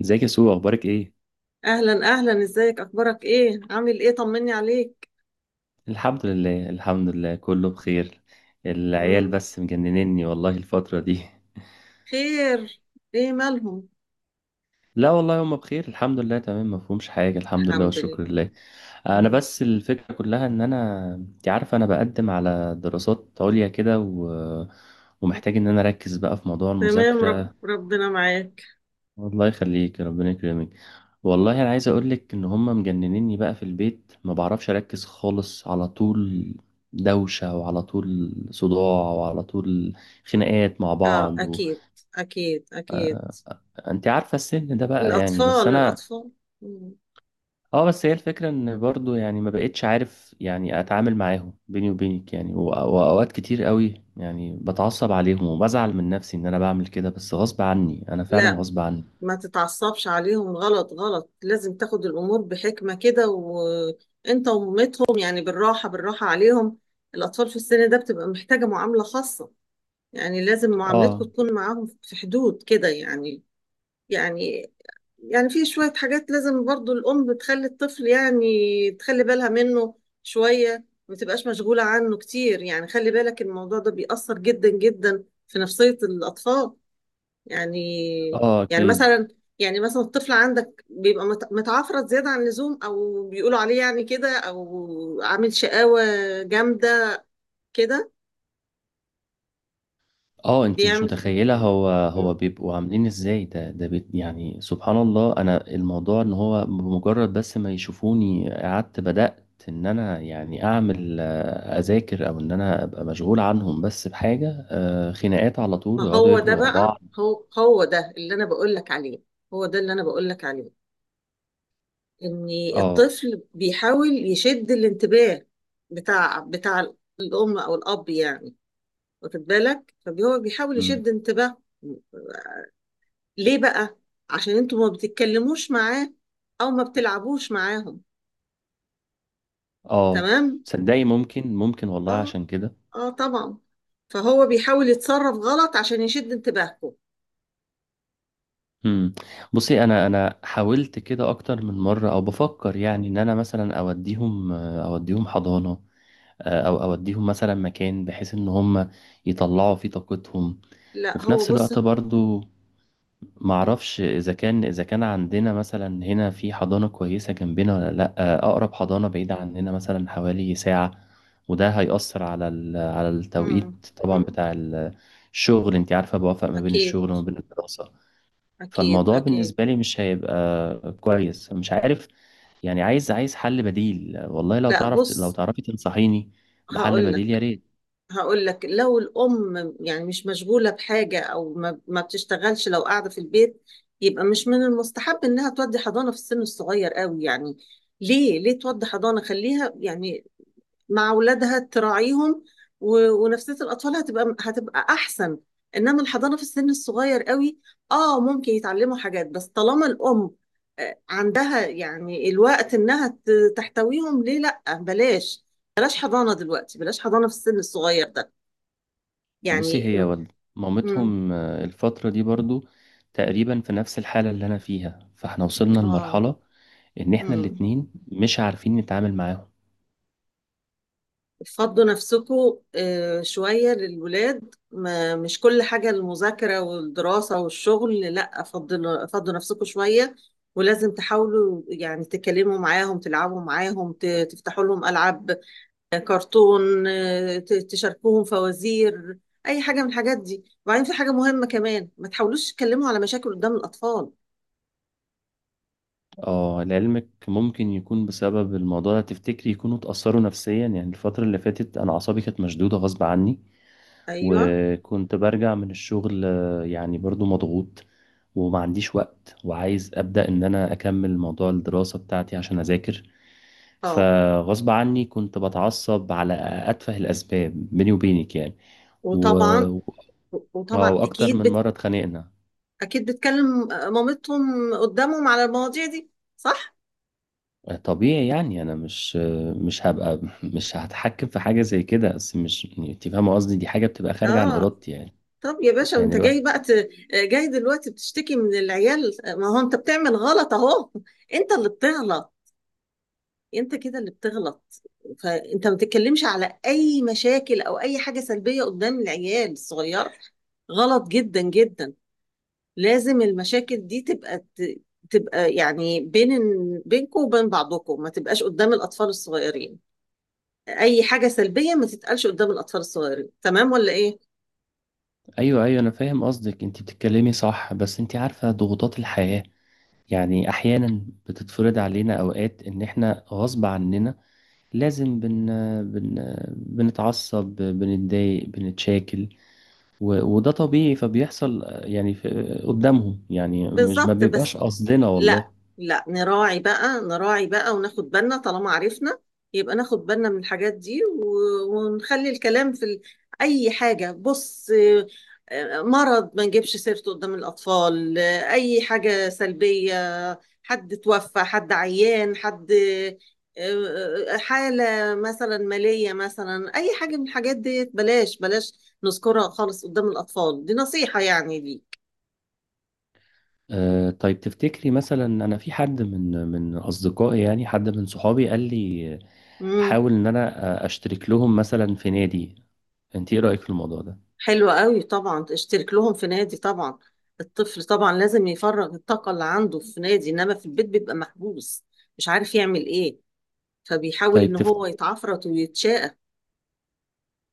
ازيك يا سو؟ اخبارك ايه؟ اهلا اهلا، ازيك؟ اخبارك ايه؟ عامل ايه؟ طمني عليك. الحمد لله، الحمد لله، كله بخير. العيال مم. بس مجننني والله الفترة دي. خير؟ ايه مالهم؟ لا والله هما بخير، الحمد لله، تمام، ما فيهمش حاجة، الحمد لله الحمد والشكر لله. لله. انا مم. بس الفكرة كلها ان انا انت عارفة انا بقدم على دراسات عليا كده ومحتاج ان انا اركز بقى في موضوع تمام، المذاكرة. ربنا معاك. الله يخليك، ربنا يكرمك. والله انا عايز اقول لك ان هم مجننيني بقى في البيت، ما بعرفش اركز خالص على طول، دوشة وعلى طول صداع وعلى طول خناقات مع اه، بعض اكيد، اكيد، اكيد. انت عارفة السن ده بقى، يعني بس الاطفال، انا الاطفال. مم. اه، بس هي الفكرة ان برضو يعني ما بقتش عارف يعني اتعامل معاهم بيني وبينك يعني واوقات كتير قوي يعني بتعصب عليهم وبزعل من نفسي ان انا بعمل كده، بس غصب عني انا فعلا لا، غصب عني. ما تتعصبش عليهم، غلط غلط. لازم تاخد الامور بحكمة كده، وانت ومامتهم يعني بالراحة بالراحة عليهم. الاطفال في السن ده بتبقى محتاجة معاملة خاصة. يعني لازم معاملتكم اه، تكون معاهم في حدود كده، يعني. يعني. يعني في شوية حاجات لازم برضو الأم بتخلي الطفل، يعني تخلي بالها منه. شوية ما تبقاش مشغولة عنه كتير، يعني خلي بالك، الموضوع ده بيأثر جدا جدا في نفسية الأطفال. يعني. اه، يعني اكيد. مثلا. يعني مثلا الطفل عندك بيبقى متعفرت زيادة عن اللزوم، أو بيقولوا عليه يعني كده، أو عامل شقاوة جامدة كده. اه انتي مش بيعمل. متخيلة هو بيبقوا عاملين ازاي، ده بيت يعني سبحان الله. انا الموضوع ان هو بمجرد بس ما يشوفوني قعدت بدأت ان انا يعني اعمل، اذاكر او ان انا ابقى مشغول عنهم بس بحاجة، خناقات على طول ما ويقعدوا هو ده يجروا ورا بقى، بعض. هو ده اللي أنا بقول لك عليه. هو ده اللي أنا بقول لك عليه. ان اه. الطفل بيحاول يشد الانتباه بتاع الام او الاب، يعني. واخد بالك؟ فهو بيحاول امم. يشد انتباه. ليه بقى؟ عشان انتوا ما بتتكلموش معاه، او ما بتلعبوش معاهم. اه، تمام. صدقي ممكن ممكن والله اه، عشان كده. اه طبعا. فهو بيحاول يتصرف غلط عشان يشد انتباهكم. امم. بصي، انا حاولت كده اكتر من مرة، او بفكر يعني ان انا مثلا اوديهم، اوديهم حضانة، او اوديهم مثلا مكان بحيث ان هم يطلعوا فيه طاقتهم، لا، وفي هو نفس بص. الوقت برضو معرفش اذا كان عندنا مثلا هنا في حضانة كويسة جنبنا ولا لا، اقرب حضانة بعيدة عننا مثلا حوالي ساعة، وده هيأثر على على مم. التوقيت طبعا مم. بتاع الشغل. انت عارفة بوافق ما بين اكيد، الشغل وما بين الدراسة. اكيد، فالموضوع اكيد. بالنسبة لي مش هيبقى كويس، مش عارف. يعني عايز عايز حل بديل، والله لو لا، تعرف لو بص تعرفي تنصحيني بحل هقول بديل يا لك. ريت. هقول لك لو الأم يعني مش مشغولة بحاجة، أو ما بتشتغلش، لو قاعدة في البيت، يبقى مش من المستحب إنها تودي حضانة في السن الصغير قوي، يعني. ليه تودي حضانة؟ خليها يعني مع أولادها تراعيهم ونفسية الأطفال هتبقى أحسن. إنما الحضانة في السن الصغير قوي، ممكن يتعلموا حاجات، بس طالما الأم عندها يعني الوقت إنها تحتويهم. ليه؟ لأ، بلاش. بلاش حضانة دلوقتي، بلاش حضانة في السن الصغير ده، بصي يعني. هي والد امم. مامتهم، الفترة دي برضو تقريبا في نفس الحالة اللي أنا فيها، فاحنا وصلنا اه، لمرحلة إن احنا امم. الاتنين مش عارفين نتعامل معاهم. فضوا نفسكم شوية للولاد. ما مش كل حاجة المذاكرة والدراسة والشغل. لا، فضوا نفسكم شوية. ولازم تحاولوا يعني تكلموا معاهم، تلعبوا معاهم، تفتحوا لهم ألعاب، كرتون، تشاركوهم فوازير، أي حاجة من الحاجات دي. وبعدين في حاجة مهمة كمان، ما تحاولوش تتكلموا على مشاكل قدام الأطفال. اه لعلمك ممكن يكون بسبب الموضوع ده، تفتكري يكونوا اتأثروا نفسيا؟ يعني الفترة اللي فاتت أنا أعصابي كانت مشدودة غصب عني، أيوه. وكنت برجع من الشغل، يعني برضو مضغوط، وما عنديش وقت وعايز أبدأ إن أنا أكمل موضوع الدراسة بتاعتي عشان أذاكر. اه فغصب عني كنت بتعصب على أتفه الأسباب بيني وبينك يعني و... وطبعا، آه، وطبعا وأكتر من أكيد. مرة اتخانقنا. اكيد بتكلم مامتهم قدامهم على المواضيع دي، صح؟ طبيعي يعني أنا مش هبقى مش هتحكم في حاجة زي كده، بس مش يعني، أنت فاهمة قصدي، دي حاجة بتبقى خارجة عن اه. إرادتي يعني. طب يا باشا، يعني وانت جاي الواحد. بقى جاي دلوقتي بتشتكي من العيال؟ ما هو انت بتعمل غلط اهو. انت اللي بتغلط. انت كده اللي بتغلط. فانت ما تتكلمش على اي مشاكل او اي حاجة سلبية قدام العيال الصغير. غلط جدا جدا. لازم المشاكل دي تبقى تبقى يعني بينكم وبين بعضكم، ما تبقاش قدام الاطفال الصغيرين. اي حاجه سلبيه ما تتقالش قدام الاطفال الصغيرين، تمام ولا ايه؟ ايوه، ايوه انا فاهم قصدك، انت بتتكلمي صح، بس انت عارفه ضغوطات الحياه يعني احيانا بتتفرض علينا، اوقات ان احنا غصب عننا لازم بن بن بنتعصب بنتضايق، بنتشاكل وده طبيعي فبيحصل يعني قدامهم يعني، مش ما بالظبط، بس. بيبقاش قصدنا لا. والله. لا، نراعي بقى، نراعي بقى، وناخد بالنا، طالما عرفنا يبقى ناخد بالنا من الحاجات دي ونخلي الكلام في أي حاجة. بص مرض ما نجيبش سيرته قدام الأطفال، أي حاجة سلبية، حد توفى، حد عيان، حد حالة مثلا مالية، مثلا أي حاجة من الحاجات دي، بلاش بلاش نذكرها خالص قدام الأطفال. دي نصيحة يعني ليك. آه طيب، تفتكري مثلا انا في حد من اصدقائي يعني حد من صحابي قال لي مم. احاول ان انا اشترك لهم مثلا في نادي، انت ايه رايك في الموضوع ده؟ حلو قوي طبعا، اشترك لهم في نادي، طبعا. الطفل طبعا لازم يفرغ الطاقة اللي عنده في نادي، انما في البيت بيبقى محبوس، مش عارف يعمل ايه، فبيحاول طيب ان تف... هو يتعفرط ويتشاقى.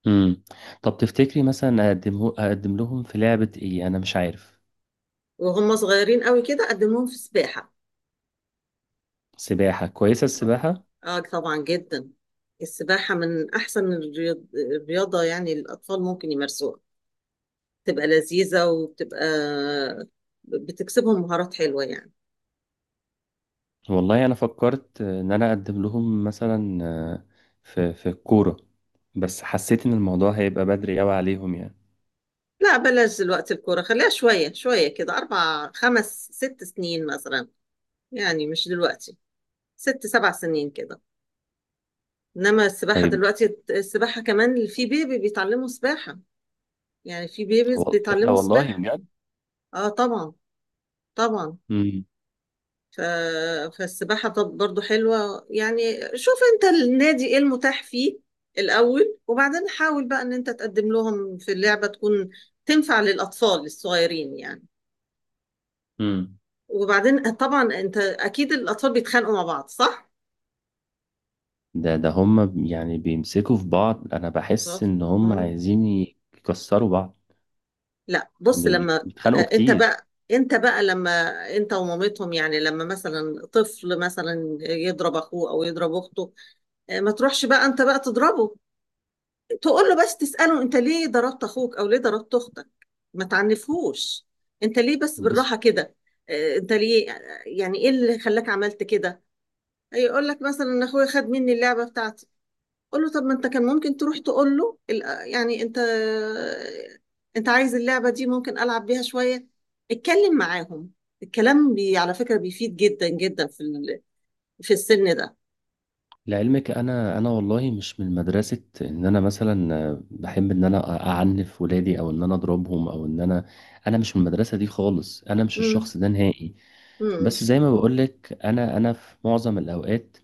مم. طب تفتكري مثلا اقدمه اقدم لهم في لعبة ايه، انا مش عارف. وهم صغيرين قوي كده، قدمهم في سباحة. سباحة، كويسة طبعا. السباحة. اه طبعا جدا. السباحة من احسن الرياضة يعني الاطفال ممكن يمارسوها، بتبقى لذيذة وبتبقى بتكسبهم مهارات حلوة، يعني. والله انا فكرت ان انا اقدم لهم مثلا، في الكورة، بس حسيت ان الموضوع هيبقى بدري قوي عليهم يعني. لا، بلاش دلوقتي الكورة، خليها شوية شوية كده، 4 5 6 سنين مثلا، يعني مش دلوقتي، 6 7 سنين كده. إنما السباحة طيب. دلوقتي، السباحة كمان في بيبي بيتعلموا سباحة، يعني في بيبيز هو ايه ده بيتعلموا والله سباحة. بجد؟ آه طبعا، طبعا. مم. ف... فالسباحة طب برضو حلوة، يعني. شوف أنت النادي إيه المتاح فيه الأول، وبعدين حاول بقى إن أنت تقدم لهم في اللعبة تكون تنفع للأطفال الصغيرين، يعني. مم. وبعدين طبعا انت اكيد الاطفال بيتخانقوا مع بعض، صح؟ ده هم يعني بيمسكوا في بعض، انا بحس خلاص. ان هم مم. عايزين يكسروا بعض، لا، بص لما بيتخانقوا انت كتير. بقى انت بقى لما انت ومامتهم يعني، لما مثلا طفل مثلا يضرب اخوه او يضرب اخته، ما تروحش بقى انت بقى تضربه، تقول له بس تسأله: انت ليه ضربت اخوك او ليه ضربت اختك؟ ما تعنفهوش. انت ليه بس، بص بالراحة كده، انت ليه، يعني ايه اللي خلاك عملت كده؟ هيقول لك مثلا ان اخويا خد مني اللعبة بتاعتي. قول له: طب ما انت كان ممكن تروح تقول له يعني انت عايز اللعبة دي، ممكن ألعب بيها شوية. اتكلم معاهم. الكلام على فكرة بيفيد جدا جدا في السن ده. لعلمك انا والله مش من مدرسه ان انا مثلا بحب ان انا اعنف ولادي او ان انا اضربهم او ان انا، انا مش من المدرسه دي خالص، انا مش امم، الشخص ده نهائي. امم. بس زي ما بقولك انا في معظم الاوقات،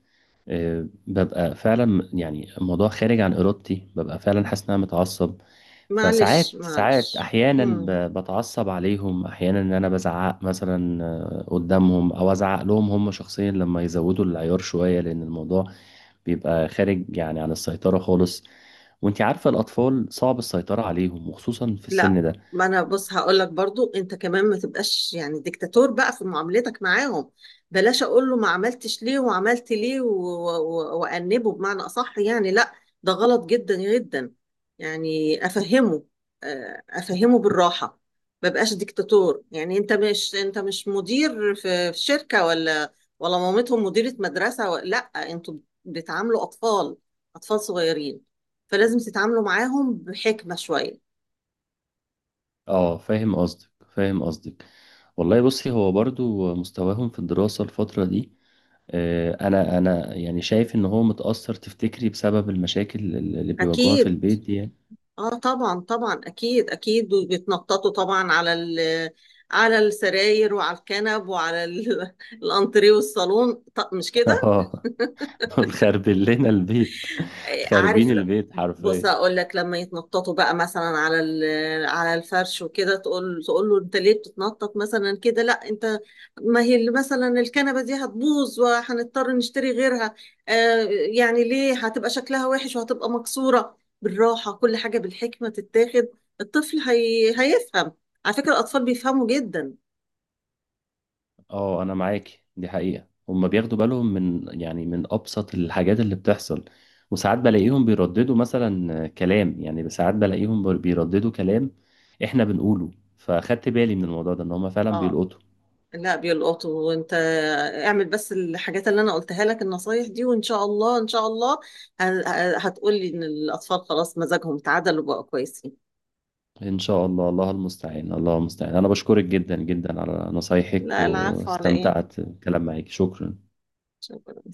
ببقى فعلا يعني الموضوع خارج عن ارادتي، ببقى فعلا حاسس ان انا متعصب. معلش، فساعات ساعات معلش. احيانا امم. بتعصب عليهم احيانا ان انا بزعق مثلا، قدامهم او ازعق لهم هم شخصيا لما يزودوا العيار شويه، لان الموضوع بيبقى خارج يعني عن السيطرة خالص. وانت عارفة الأطفال صعب السيطرة عليهم وخصوصا في لا، السن ده. ما انا، بص هقول لك برضو، انت كمان ما تبقاش يعني ديكتاتور بقى في معاملتك معاهم. بلاش اقول له ما عملتش ليه وعملت ليه وانبه بمعنى اصح، يعني لا، ده غلط جدا جدا. يعني افهمه، افهمه بالراحة. ما بقاش ديكتاتور، يعني انت مش مدير في شركة، ولا مامتهم مديرة مدرسة لا. انتوا بتعاملوا اطفال، اطفال صغيرين، فلازم تتعاملوا معاهم بحكمة شوية. اه فاهم قصدك، فاهم قصدك. والله بصي هو برضو مستواهم في الدراسة الفترة دي، انا يعني شايف ان هو متأثر، تفتكري بسبب المشاكل اللي بيواجهوها في أكيد. البيت دي يعني؟ آه طبعا، طبعا، أكيد، أكيد، وبيتنططوا طبعا على السراير وعلى الكنب وعلى الأنتريه والصالون، مش كده؟ اه. دول خربين لنا البيت، خاربين عارف البيت بص حرفيا. اقول لك لما يتنططوا بقى مثلا على على الفرش وكده، تقول له: انت ليه بتتنطط مثلا كده؟ لا انت، ما هي اللي مثلا الكنبه دي هتبوظ وهنضطر نشتري غيرها. آه، يعني ليه هتبقى شكلها وحش وهتبقى مكسوره. بالراحه كل حاجه بالحكمه تتاخد. الطفل هيفهم. على فكره الاطفال بيفهموا جدا. اه انا معاكي، دي حقيقة هما بياخدوا بالهم من يعني من ابسط الحاجات اللي بتحصل، وساعات بلاقيهم بيرددوا مثلا كلام، يعني ساعات بلاقيهم بيرددوا كلام احنا بنقوله، فاخدت بالي من الموضوع ده ان هما فعلا اه، بيلقطوا. لا بيلقطوا. وانت اعمل بس الحاجات اللي انا قلتها لك، النصايح دي، وان شاء الله، ان شاء الله، هتقولي ان الاطفال خلاص مزاجهم تعدل وبقوا كويسين. ان شاء الله، الله المستعان، الله المستعان. انا بشكرك جدا جدا على نصايحك لا، العفو، على ايه؟ واستمتعت بالكلام معاكي، شكرا. شكرا.